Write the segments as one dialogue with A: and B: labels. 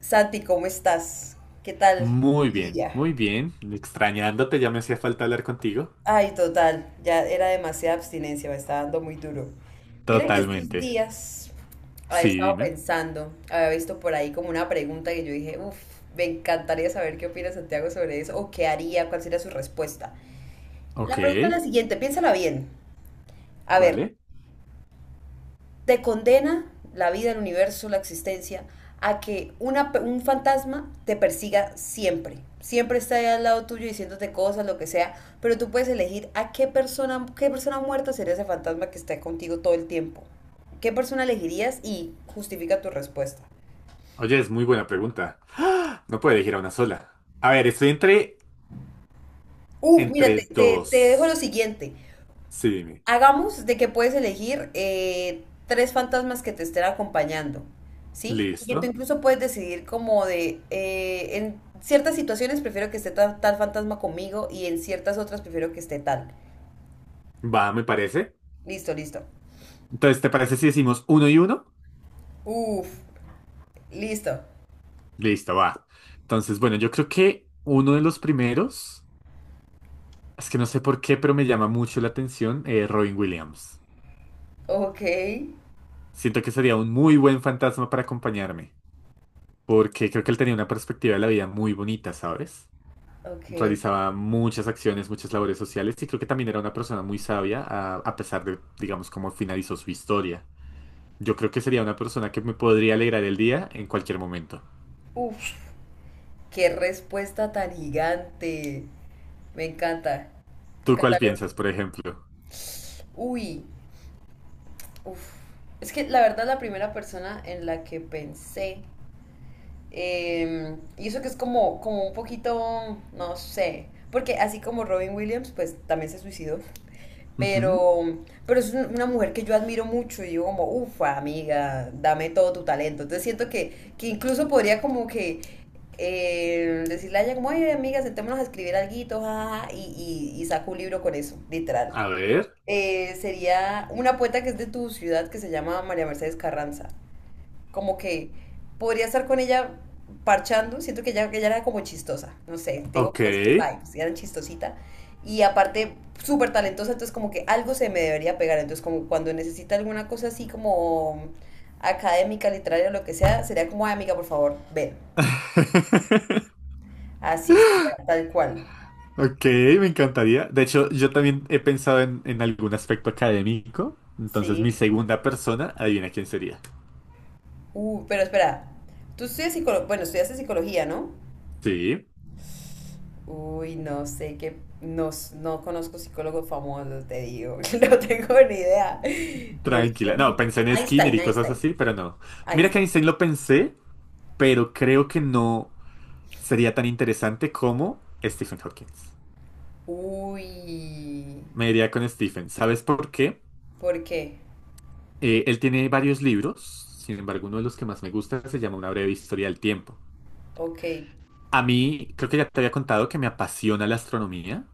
A: Santi, ¿cómo estás? ¿Qué tal
B: Muy
A: tu
B: bien,
A: día?
B: muy bien. Extrañándote, ya me hacía falta hablar contigo.
A: Ay, total, ya era demasiada abstinencia, me está dando muy duro. Mira que estos
B: Totalmente.
A: días había
B: Sí,
A: estado
B: dime.
A: pensando, había visto por ahí como una pregunta que yo dije, uff, me encantaría saber qué opina Santiago sobre eso o qué haría, cuál sería su respuesta. La
B: Ok,
A: pregunta es la siguiente, piénsala bien. A ver,
B: vale.
A: te condena la vida, el universo, la existencia, a que un fantasma te persiga siempre. Siempre está ahí al lado tuyo diciéndote cosas, lo que sea, pero tú puedes elegir a qué persona muerta sería ese fantasma que está contigo todo el tiempo. ¿Qué persona elegirías y justifica tu respuesta?
B: Oye, es muy buena pregunta. ¡Ah! No puedo elegir a una sola. A ver, estoy entre,
A: Uf, mira, te,
B: entre
A: te, te dejo lo
B: dos.
A: siguiente.
B: Sí, dime.
A: Hagamos de que puedes elegir tres fantasmas que te estén acompañando, ¿sí? Y que tú
B: Listo.
A: incluso puedes decidir como en ciertas situaciones prefiero que esté tal, fantasma conmigo y en ciertas otras prefiero que esté tal.
B: Va, me parece.
A: Listo, listo.
B: Entonces, ¿te parece si decimos uno y uno?
A: Uf, listo.
B: Listo, va. Entonces, bueno, yo creo que uno de los primeros, es que no sé por qué, pero me llama mucho la atención, Robin Williams.
A: Ok,
B: Siento que sería un muy buen fantasma para acompañarme, porque creo que él tenía una perspectiva de la vida muy bonita, ¿sabes?
A: ok.
B: Realizaba muchas acciones, muchas labores sociales y creo que también era una persona muy sabia a pesar de, digamos, cómo finalizó su historia. Yo creo que sería una persona que me podría alegrar el día en cualquier momento.
A: Uf, qué respuesta tan gigante. Me encanta. Me
B: ¿Tú
A: encanta.
B: cuál piensas, por ejemplo?
A: Uy, uf. Es que la verdad la primera persona en la que pensé. Y eso que es como, un poquito, no sé, porque así como Robin Williams, pues también se suicidó.
B: Ujú.
A: Pero, pero es una mujer que yo admiro mucho y digo como, ufa, amiga, dame todo tu talento. Entonces siento que incluso podría como que decirle a ella como, ay, amiga, sentémonos a escribir alguito, jajaja", y saco un libro con eso, literal.
B: A ver,
A: Sería una poeta que es de tu ciudad que se llama María Mercedes Carranza, como que podría estar con ella parchando. Siento que ella era como chistosa, no sé, tengo
B: ok.
A: como esas vibes, ella era chistosita y aparte súper talentosa, entonces como que algo se me debería pegar. Entonces como cuando necesita alguna cosa así como académica, literaria, lo que sea, sería como, "Ay, amiga, por favor, ven", así, sería, tal cual,
B: Ok, me encantaría. De hecho, yo también he pensado en algún aspecto académico. Entonces, mi
A: sí,
B: segunda persona, adivina quién sería.
A: pero espera, tú estudias psicología, bueno, estudiaste psicología, ¿no?
B: Sí.
A: Uy, no sé qué, no, no conozco psicólogos famosos, te digo, no tengo ni idea. No
B: Tranquila.
A: sé.
B: No, pensé en Skinner
A: Einstein,
B: y cosas
A: Einstein.
B: así, pero no. Mira que
A: Einstein.
B: Einstein lo pensé, pero creo que no sería tan interesante como Stephen Hawking.
A: Uy,
B: Me iría con Stephen. ¿Sabes por qué?
A: ¿por qué?
B: Él tiene varios libros, sin embargo, uno de los que más me gusta se llama Una breve historia del tiempo.
A: Ok,
B: A mí, creo que ya te había contado que me apasiona la astronomía.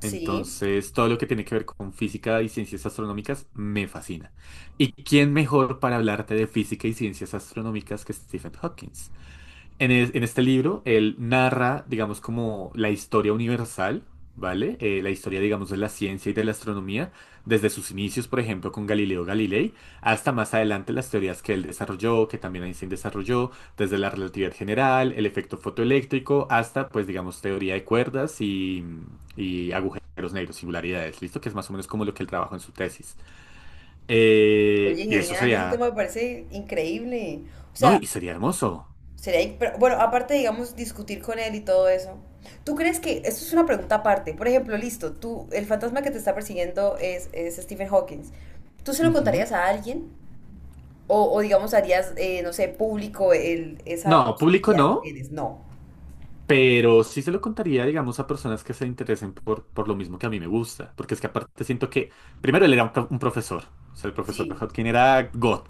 A: sí.
B: Entonces, todo lo que tiene que ver con física y ciencias astronómicas me fascina. ¿Y quién mejor para hablarte de física y ciencias astronómicas que Stephen Hawking? En este libro, él narra, digamos, como la historia universal, ¿vale? La historia, digamos, de la ciencia y de la astronomía, desde sus inicios, por ejemplo, con Galileo Galilei, hasta más adelante las teorías que él desarrolló, que también Einstein desarrolló, desde la relatividad general, el efecto fotoeléctrico, hasta, pues, digamos, teoría de cuerdas y agujeros negros, singularidades, ¿listo? Que es más o menos como lo que él trabajó en su tesis.
A: Oye,
B: Y eso
A: genial, ese
B: sería,
A: tema me parece increíble. O
B: ¿no?
A: sea,
B: Y sería hermoso.
A: sería, pero, bueno, aparte, digamos, discutir con él y todo eso. ¿Tú crees que, esto es una pregunta aparte, por ejemplo, listo, tú, el fantasma que te está persiguiendo es Stephen Hawking? ¿Tú se lo
B: Ujú.
A: contarías a alguien? O digamos, harías, no sé, público esa
B: No, público
A: posibilidad que
B: no.
A: tienes. No.
B: Pero sí se lo contaría, digamos, a personas que se interesen por lo mismo que a mí me gusta. Porque es que aparte siento que, primero, él era un profesor. O sea, el profesor
A: Sí.
B: Hodgkin era God.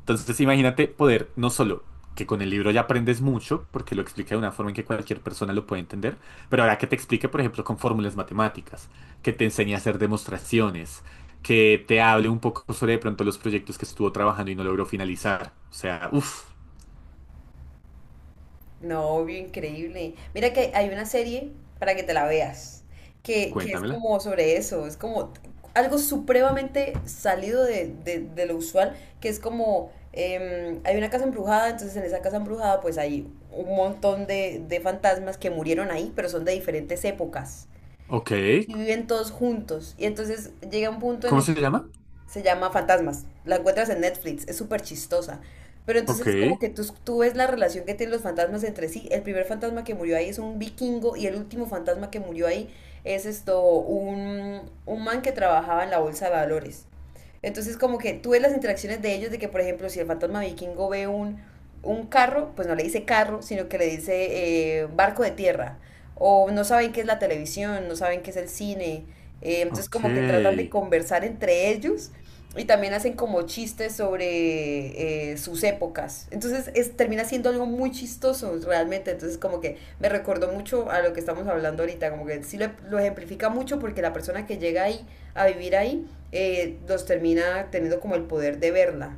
B: Entonces, imagínate poder, no solo que con el libro ya aprendes mucho, porque lo explica de una forma en que cualquier persona lo puede entender, pero ahora que te explique, por ejemplo, con fórmulas matemáticas, que te enseñe a hacer demostraciones, que te hable un poco sobre de pronto los proyectos que estuvo trabajando y no logró finalizar. O sea, uff,
A: No, obvio, increíble. Mira que hay una serie para que te la veas, que es
B: cuéntamela.
A: como sobre eso, es como algo supremamente salido de lo usual, que es como, hay una casa embrujada, entonces en esa casa embrujada pues hay un montón de fantasmas que murieron ahí, pero son de diferentes épocas.
B: Ok,
A: Y viven todos juntos. Y entonces llega un punto en
B: ¿cómo
A: el
B: se
A: que
B: llama?
A: se llama Fantasmas. La encuentras en Netflix, es súper chistosa. Pero
B: Ok.
A: entonces como que tú ves la relación que tienen los fantasmas entre sí. El primer fantasma que murió ahí es un vikingo, y el último fantasma que murió ahí es esto, un man que trabajaba en la bolsa de valores. Entonces como que tú ves las interacciones de ellos, de que, por ejemplo, si el fantasma vikingo ve un carro, pues no le dice carro, sino que le dice barco de tierra, o no saben qué es la televisión, no saben qué es el cine. Entonces como que tratan de
B: Ok.
A: conversar entre ellos y también hacen como chistes sobre sus épocas. Entonces termina siendo algo muy chistoso realmente. Entonces como que me recordó mucho a lo que estamos hablando ahorita, como que sí lo ejemplifica mucho, porque la persona que llega ahí a vivir ahí los termina teniendo como el poder de verla,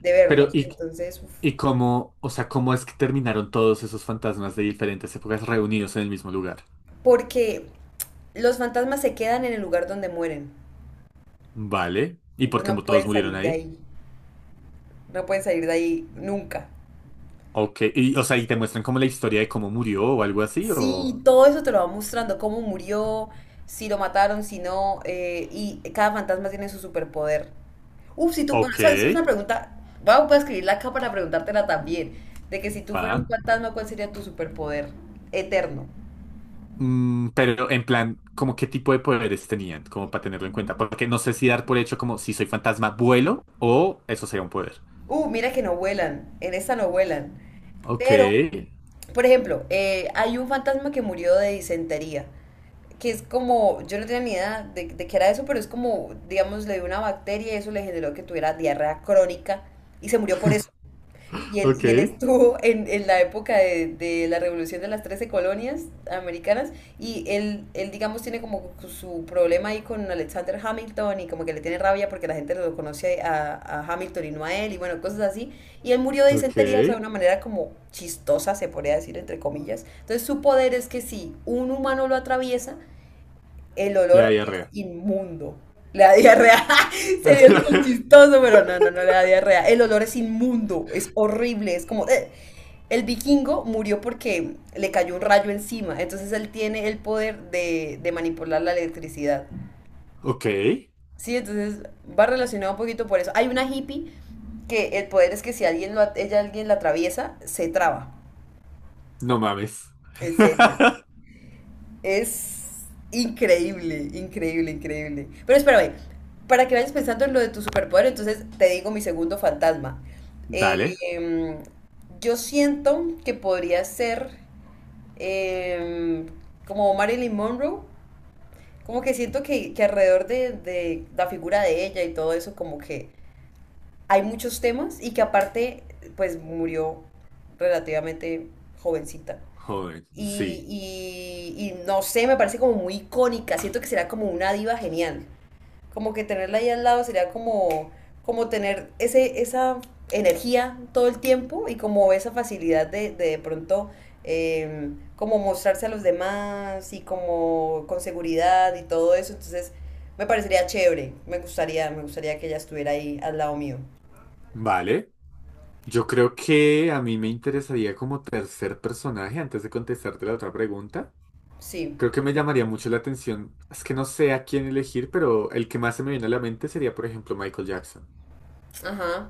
A: de verlos.
B: Pero,
A: Entonces, uf,
B: ¿y cómo, o sea, cómo es que terminaron todos esos fantasmas de diferentes épocas reunidos en el mismo lugar?
A: porque los fantasmas se quedan en el lugar donde mueren.
B: Vale. ¿Y por
A: Entonces
B: qué
A: no
B: mu- todos
A: pueden
B: murieron
A: salir de
B: ahí?
A: ahí, no pueden salir de ahí nunca.
B: Ok. Y, o sea, ¿y te muestran como la historia de cómo murió o algo así? O...
A: Sí, todo eso te lo va mostrando, cómo murió, si lo mataron, si no, y cada fantasma tiene su superpoder. Uf, si tú, bueno,
B: Ok.
A: esa es una pregunta, voy a escribirla acá para preguntártela también, de que si tú fueras
B: Va.
A: un fantasma, ¿cuál sería tu superpoder eterno?
B: Mm, pero en plan, ¿como qué tipo de poderes tenían? Como para tenerlo en cuenta. Porque no sé si dar por hecho como si soy fantasma, vuelo o eso sería un poder.
A: Mira que no vuelan, en esta no vuelan,
B: Ok.
A: pero, por ejemplo, hay un fantasma que murió de disentería, que es como, yo no tenía ni idea de qué era eso, pero es como, digamos, le dio una bacteria y eso le generó que tuviera diarrea crónica, y se murió por eso. Y él,
B: Ok.
A: y él estuvo en la época de la revolución de las 13 colonias americanas, y él, digamos, tiene como su problema ahí con Alexander Hamilton, y como que le tiene rabia porque la gente lo conoce a Hamilton y no a él, y bueno, cosas así. Y él murió de
B: Ok.
A: disentería, o sea, de una manera como chistosa, se podría decir, entre comillas. Entonces su poder es que si un humano lo atraviesa, el
B: Le da
A: olor es
B: diarrea.
A: inmundo. Le da diarrea. Sería súper chistoso, pero no, no, no le da diarrea. El olor es inmundo, es horrible, es como... "Ugh". El vikingo murió porque le cayó un rayo encima, entonces él tiene el poder de manipular la electricidad.
B: Ok.
A: Sí, entonces va relacionado un poquito por eso. Hay una hippie que el poder es que si alguien ella alguien la atraviesa, se traba.
B: No mames.
A: En serio. Es increíble, increíble, increíble. Pero espérame, para que vayas pensando en lo de tu superpoder, entonces te digo mi segundo fantasma.
B: Dale.
A: Eh, yo siento que podría ser eh, como Marilyn Monroe, como que siento que alrededor de la figura de ella y todo eso, como que hay muchos temas, y que aparte, pues murió relativamente jovencita.
B: Joven,
A: Y,
B: sí.
A: y, y no sé, me parece como muy icónica. Siento que será como una diva genial. Como que tenerla ahí al lado sería como, tener esa energía todo el tiempo, y como esa facilidad de pronto eh, como mostrarse a los demás y como con seguridad y todo eso. Entonces me parecería chévere. Me gustaría que ella estuviera ahí al lado mío.
B: Vale. Yo creo que a mí me interesaría como tercer personaje antes de contestarte la otra pregunta.
A: Sí.
B: Creo que me llamaría mucho la atención. Es que no sé a quién elegir, pero el que más se me viene a la mente sería, por ejemplo, Michael Jackson,
A: Ajá.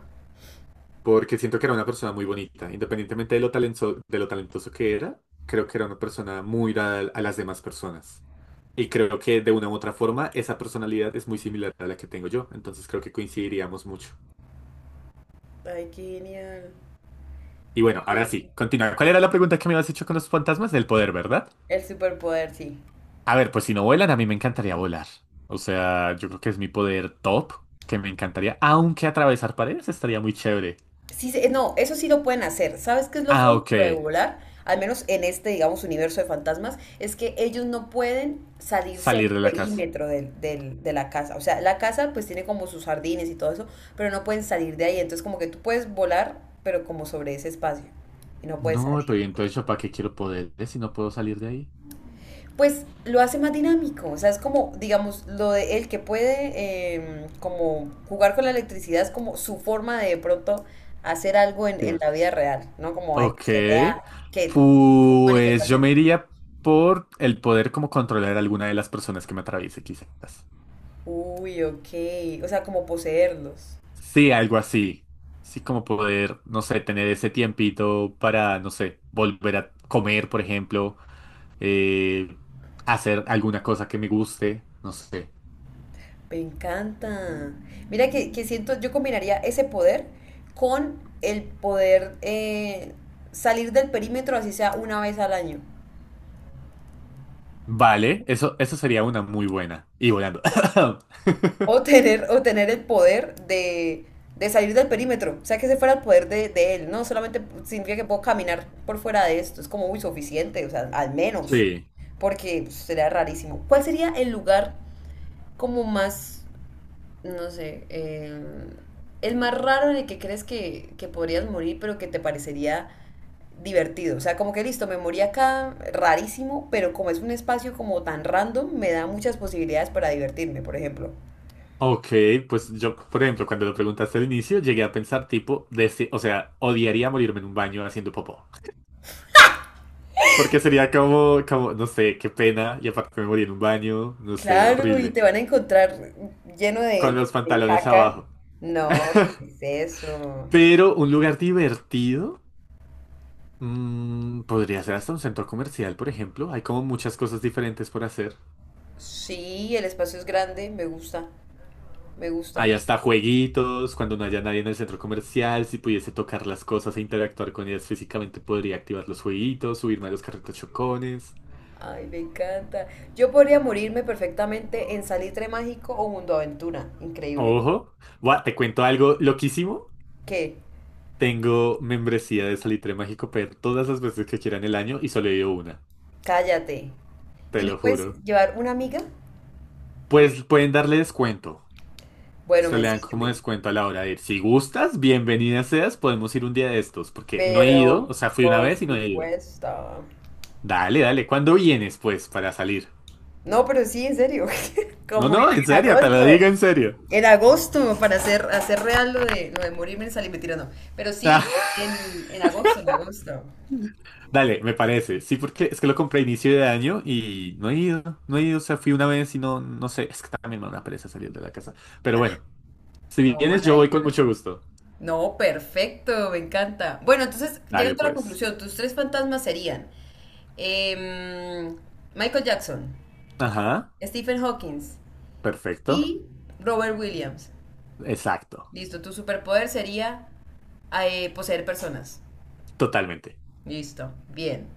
B: porque siento que era una persona muy bonita, independientemente de lo talentoso que era, creo que era una persona muy dada a las demás personas. Y creo que de una u otra forma esa personalidad es muy similar a la que tengo yo, entonces creo que coincidiríamos mucho.
A: Ay, qué genial.
B: Y bueno, ahora sí, continúa. ¿Cuál era la pregunta que me habías hecho con los fantasmas del poder, verdad?
A: El superpoder, sí.
B: A ver, pues si no vuelan, a mí me encantaría volar. O sea, yo creo que es mi poder top, que me encantaría, aunque atravesar paredes estaría muy chévere.
A: Sí, no, eso sí lo pueden hacer. ¿Sabes qué es lo feo
B: Ah,
A: de
B: ok,
A: lo de volar? Al menos en este, digamos, universo de fantasmas, es que ellos no pueden salirse del
B: salir de la casa.
A: perímetro de la casa. O sea, la casa pues tiene como sus jardines y todo eso, pero no pueden salir de ahí. Entonces como que tú puedes volar, pero como sobre ese espacio. Y no puedes
B: No,
A: salir.
B: pero ¿y entonces yo para qué quiero poderes si no puedo salir de ahí?
A: Pues lo hace más dinámico. O sea, es como, digamos, lo de él que puede como jugar con la electricidad, es como su forma de pronto hacer algo en la
B: Cierto.
A: vida real, ¿no? Como de que
B: Ok,
A: se vea que
B: pues yo
A: manifestación.
B: me iría por el poder como controlar a alguna de las personas que me atraviese, quizás.
A: Uy, ok. O sea, como poseerlos.
B: Sí, algo así. Sí, como poder, no sé, tener ese tiempito para, no sé, volver a comer, por ejemplo, eh, hacer alguna cosa que me guste, no sé.
A: Me encanta. Mira que siento, yo combinaría ese poder con el poder salir del perímetro, así sea una vez al año.
B: Vale, eso sería una muy buena. Y volando.
A: O tener el poder de salir del perímetro. O sea, que ese fuera el poder de él. No solamente significa que puedo caminar por fuera de esto. Es como muy suficiente, o sea, al menos.
B: Sí.
A: Porque pues, sería rarísimo. ¿Cuál sería el lugar como más, no sé, el más raro en el que crees que podrías morir, pero que te parecería divertido? O sea, como que listo, me morí acá, rarísimo, pero como es un espacio como tan random, me da muchas posibilidades para divertirme, por ejemplo.
B: Ok, pues yo, por ejemplo, cuando lo preguntaste al inicio, llegué a pensar tipo, desde, o sea, odiaría morirme en un baño haciendo popó. Porque sería como, como, no sé, qué pena, y aparte me morí en un baño, no sé,
A: Claro, y
B: horrible.
A: te van a encontrar lleno
B: Con
A: de,
B: los
A: de
B: pantalones
A: caca.
B: abajo.
A: No, ¿qué es eso?
B: Pero un lugar divertido, mm, podría ser hasta un centro comercial, por ejemplo. Hay como muchas cosas diferentes por hacer.
A: Sí, el espacio es grande, me gusta, me gusta.
B: Hay hasta jueguitos, cuando no haya nadie en el centro comercial, si pudiese tocar las cosas e interactuar con ellas físicamente, podría activar los jueguitos, subirme a los carritos chocones.
A: Ay, me encanta. Yo podría morirme perfectamente en Salitre Mágico o Mundo Aventura. Increíble.
B: Ojo, buah, te cuento algo loquísimo.
A: ¿Qué?
B: Tengo membresía de Salitre Mágico per todas las veces que quieran el año y solo he ido una,
A: Cállate.
B: te
A: ¿Y no
B: lo
A: puedes
B: juro.
A: llevar una amiga?
B: Pues pueden darle descuento.
A: Bueno,
B: Se
A: me
B: le dan como
A: sirve.
B: descuento a la hora de ir. Si gustas, bienvenida seas, podemos ir un día de estos, porque no he ido,
A: Pero,
B: o sea, fui una
A: por
B: vez y no he ido.
A: supuesto.
B: Dale, dale, ¿cuándo vienes, pues, para salir?
A: No, pero sí, en serio.
B: No,
A: Como
B: no,
A: en
B: en
A: en
B: serio, te lo
A: agosto.
B: digo en serio.
A: En agosto, para hacer real lo de morirme en sal y mentira, no. Pero sí,
B: Ah,
A: en agosto, en agosto.
B: dale, me parece. Sí, porque es que lo compré a inicio de año y no he ido. No he ido, o sea, fui una vez y no, no sé. Es que también me da una pereza salir de la casa. Pero
A: Ah,
B: bueno, si
A: no,
B: vienes,
A: mal
B: yo
A: ahí,
B: voy
A: mal
B: con
A: ahí.
B: mucho gusto.
A: No, perfecto, me encanta. Bueno, entonces,
B: Dale,
A: llegando a la
B: pues.
A: conclusión, tus tres fantasmas serían em, Michael Jackson,
B: Ajá,
A: Stephen Hawking
B: perfecto.
A: y Robert Williams.
B: Exacto,
A: Listo, tu superpoder sería poseer personas.
B: totalmente.
A: Listo, bien.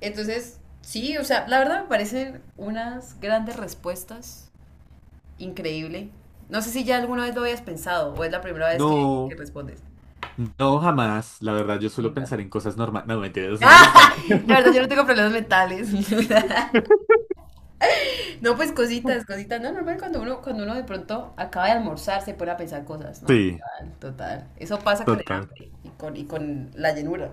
A: Entonces, sí, o sea, la verdad me parecen unas grandes respuestas. Increíble. No sé si ya alguna vez lo habías pensado o es la primera vez que
B: No,
A: respondes.
B: no, jamás. La verdad, yo suelo
A: Nunca.
B: pensar en cosas normales. No, mentira, no estoy
A: ¡Ah!
B: molestando.
A: La verdad, yo no tengo problemas mentales. No, pues cositas, cositas. No, normal cuando uno, de pronto acaba de almorzar se pone a pensar cosas, ¿no?
B: Sí,
A: Total, total. Eso pasa con el
B: total.
A: hambre y y con la llenura.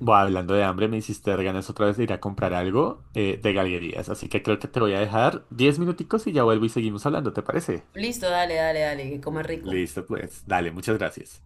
B: Buah, hablando de hambre, me hiciste dar ganas otra vez de ir a comprar algo, de galerías, así que creo que te voy a dejar 10 minuticos y ya vuelvo y seguimos hablando, ¿te parece?
A: Listo, dale, dale, dale, que coma rico.
B: Listo, pues, dale, muchas gracias.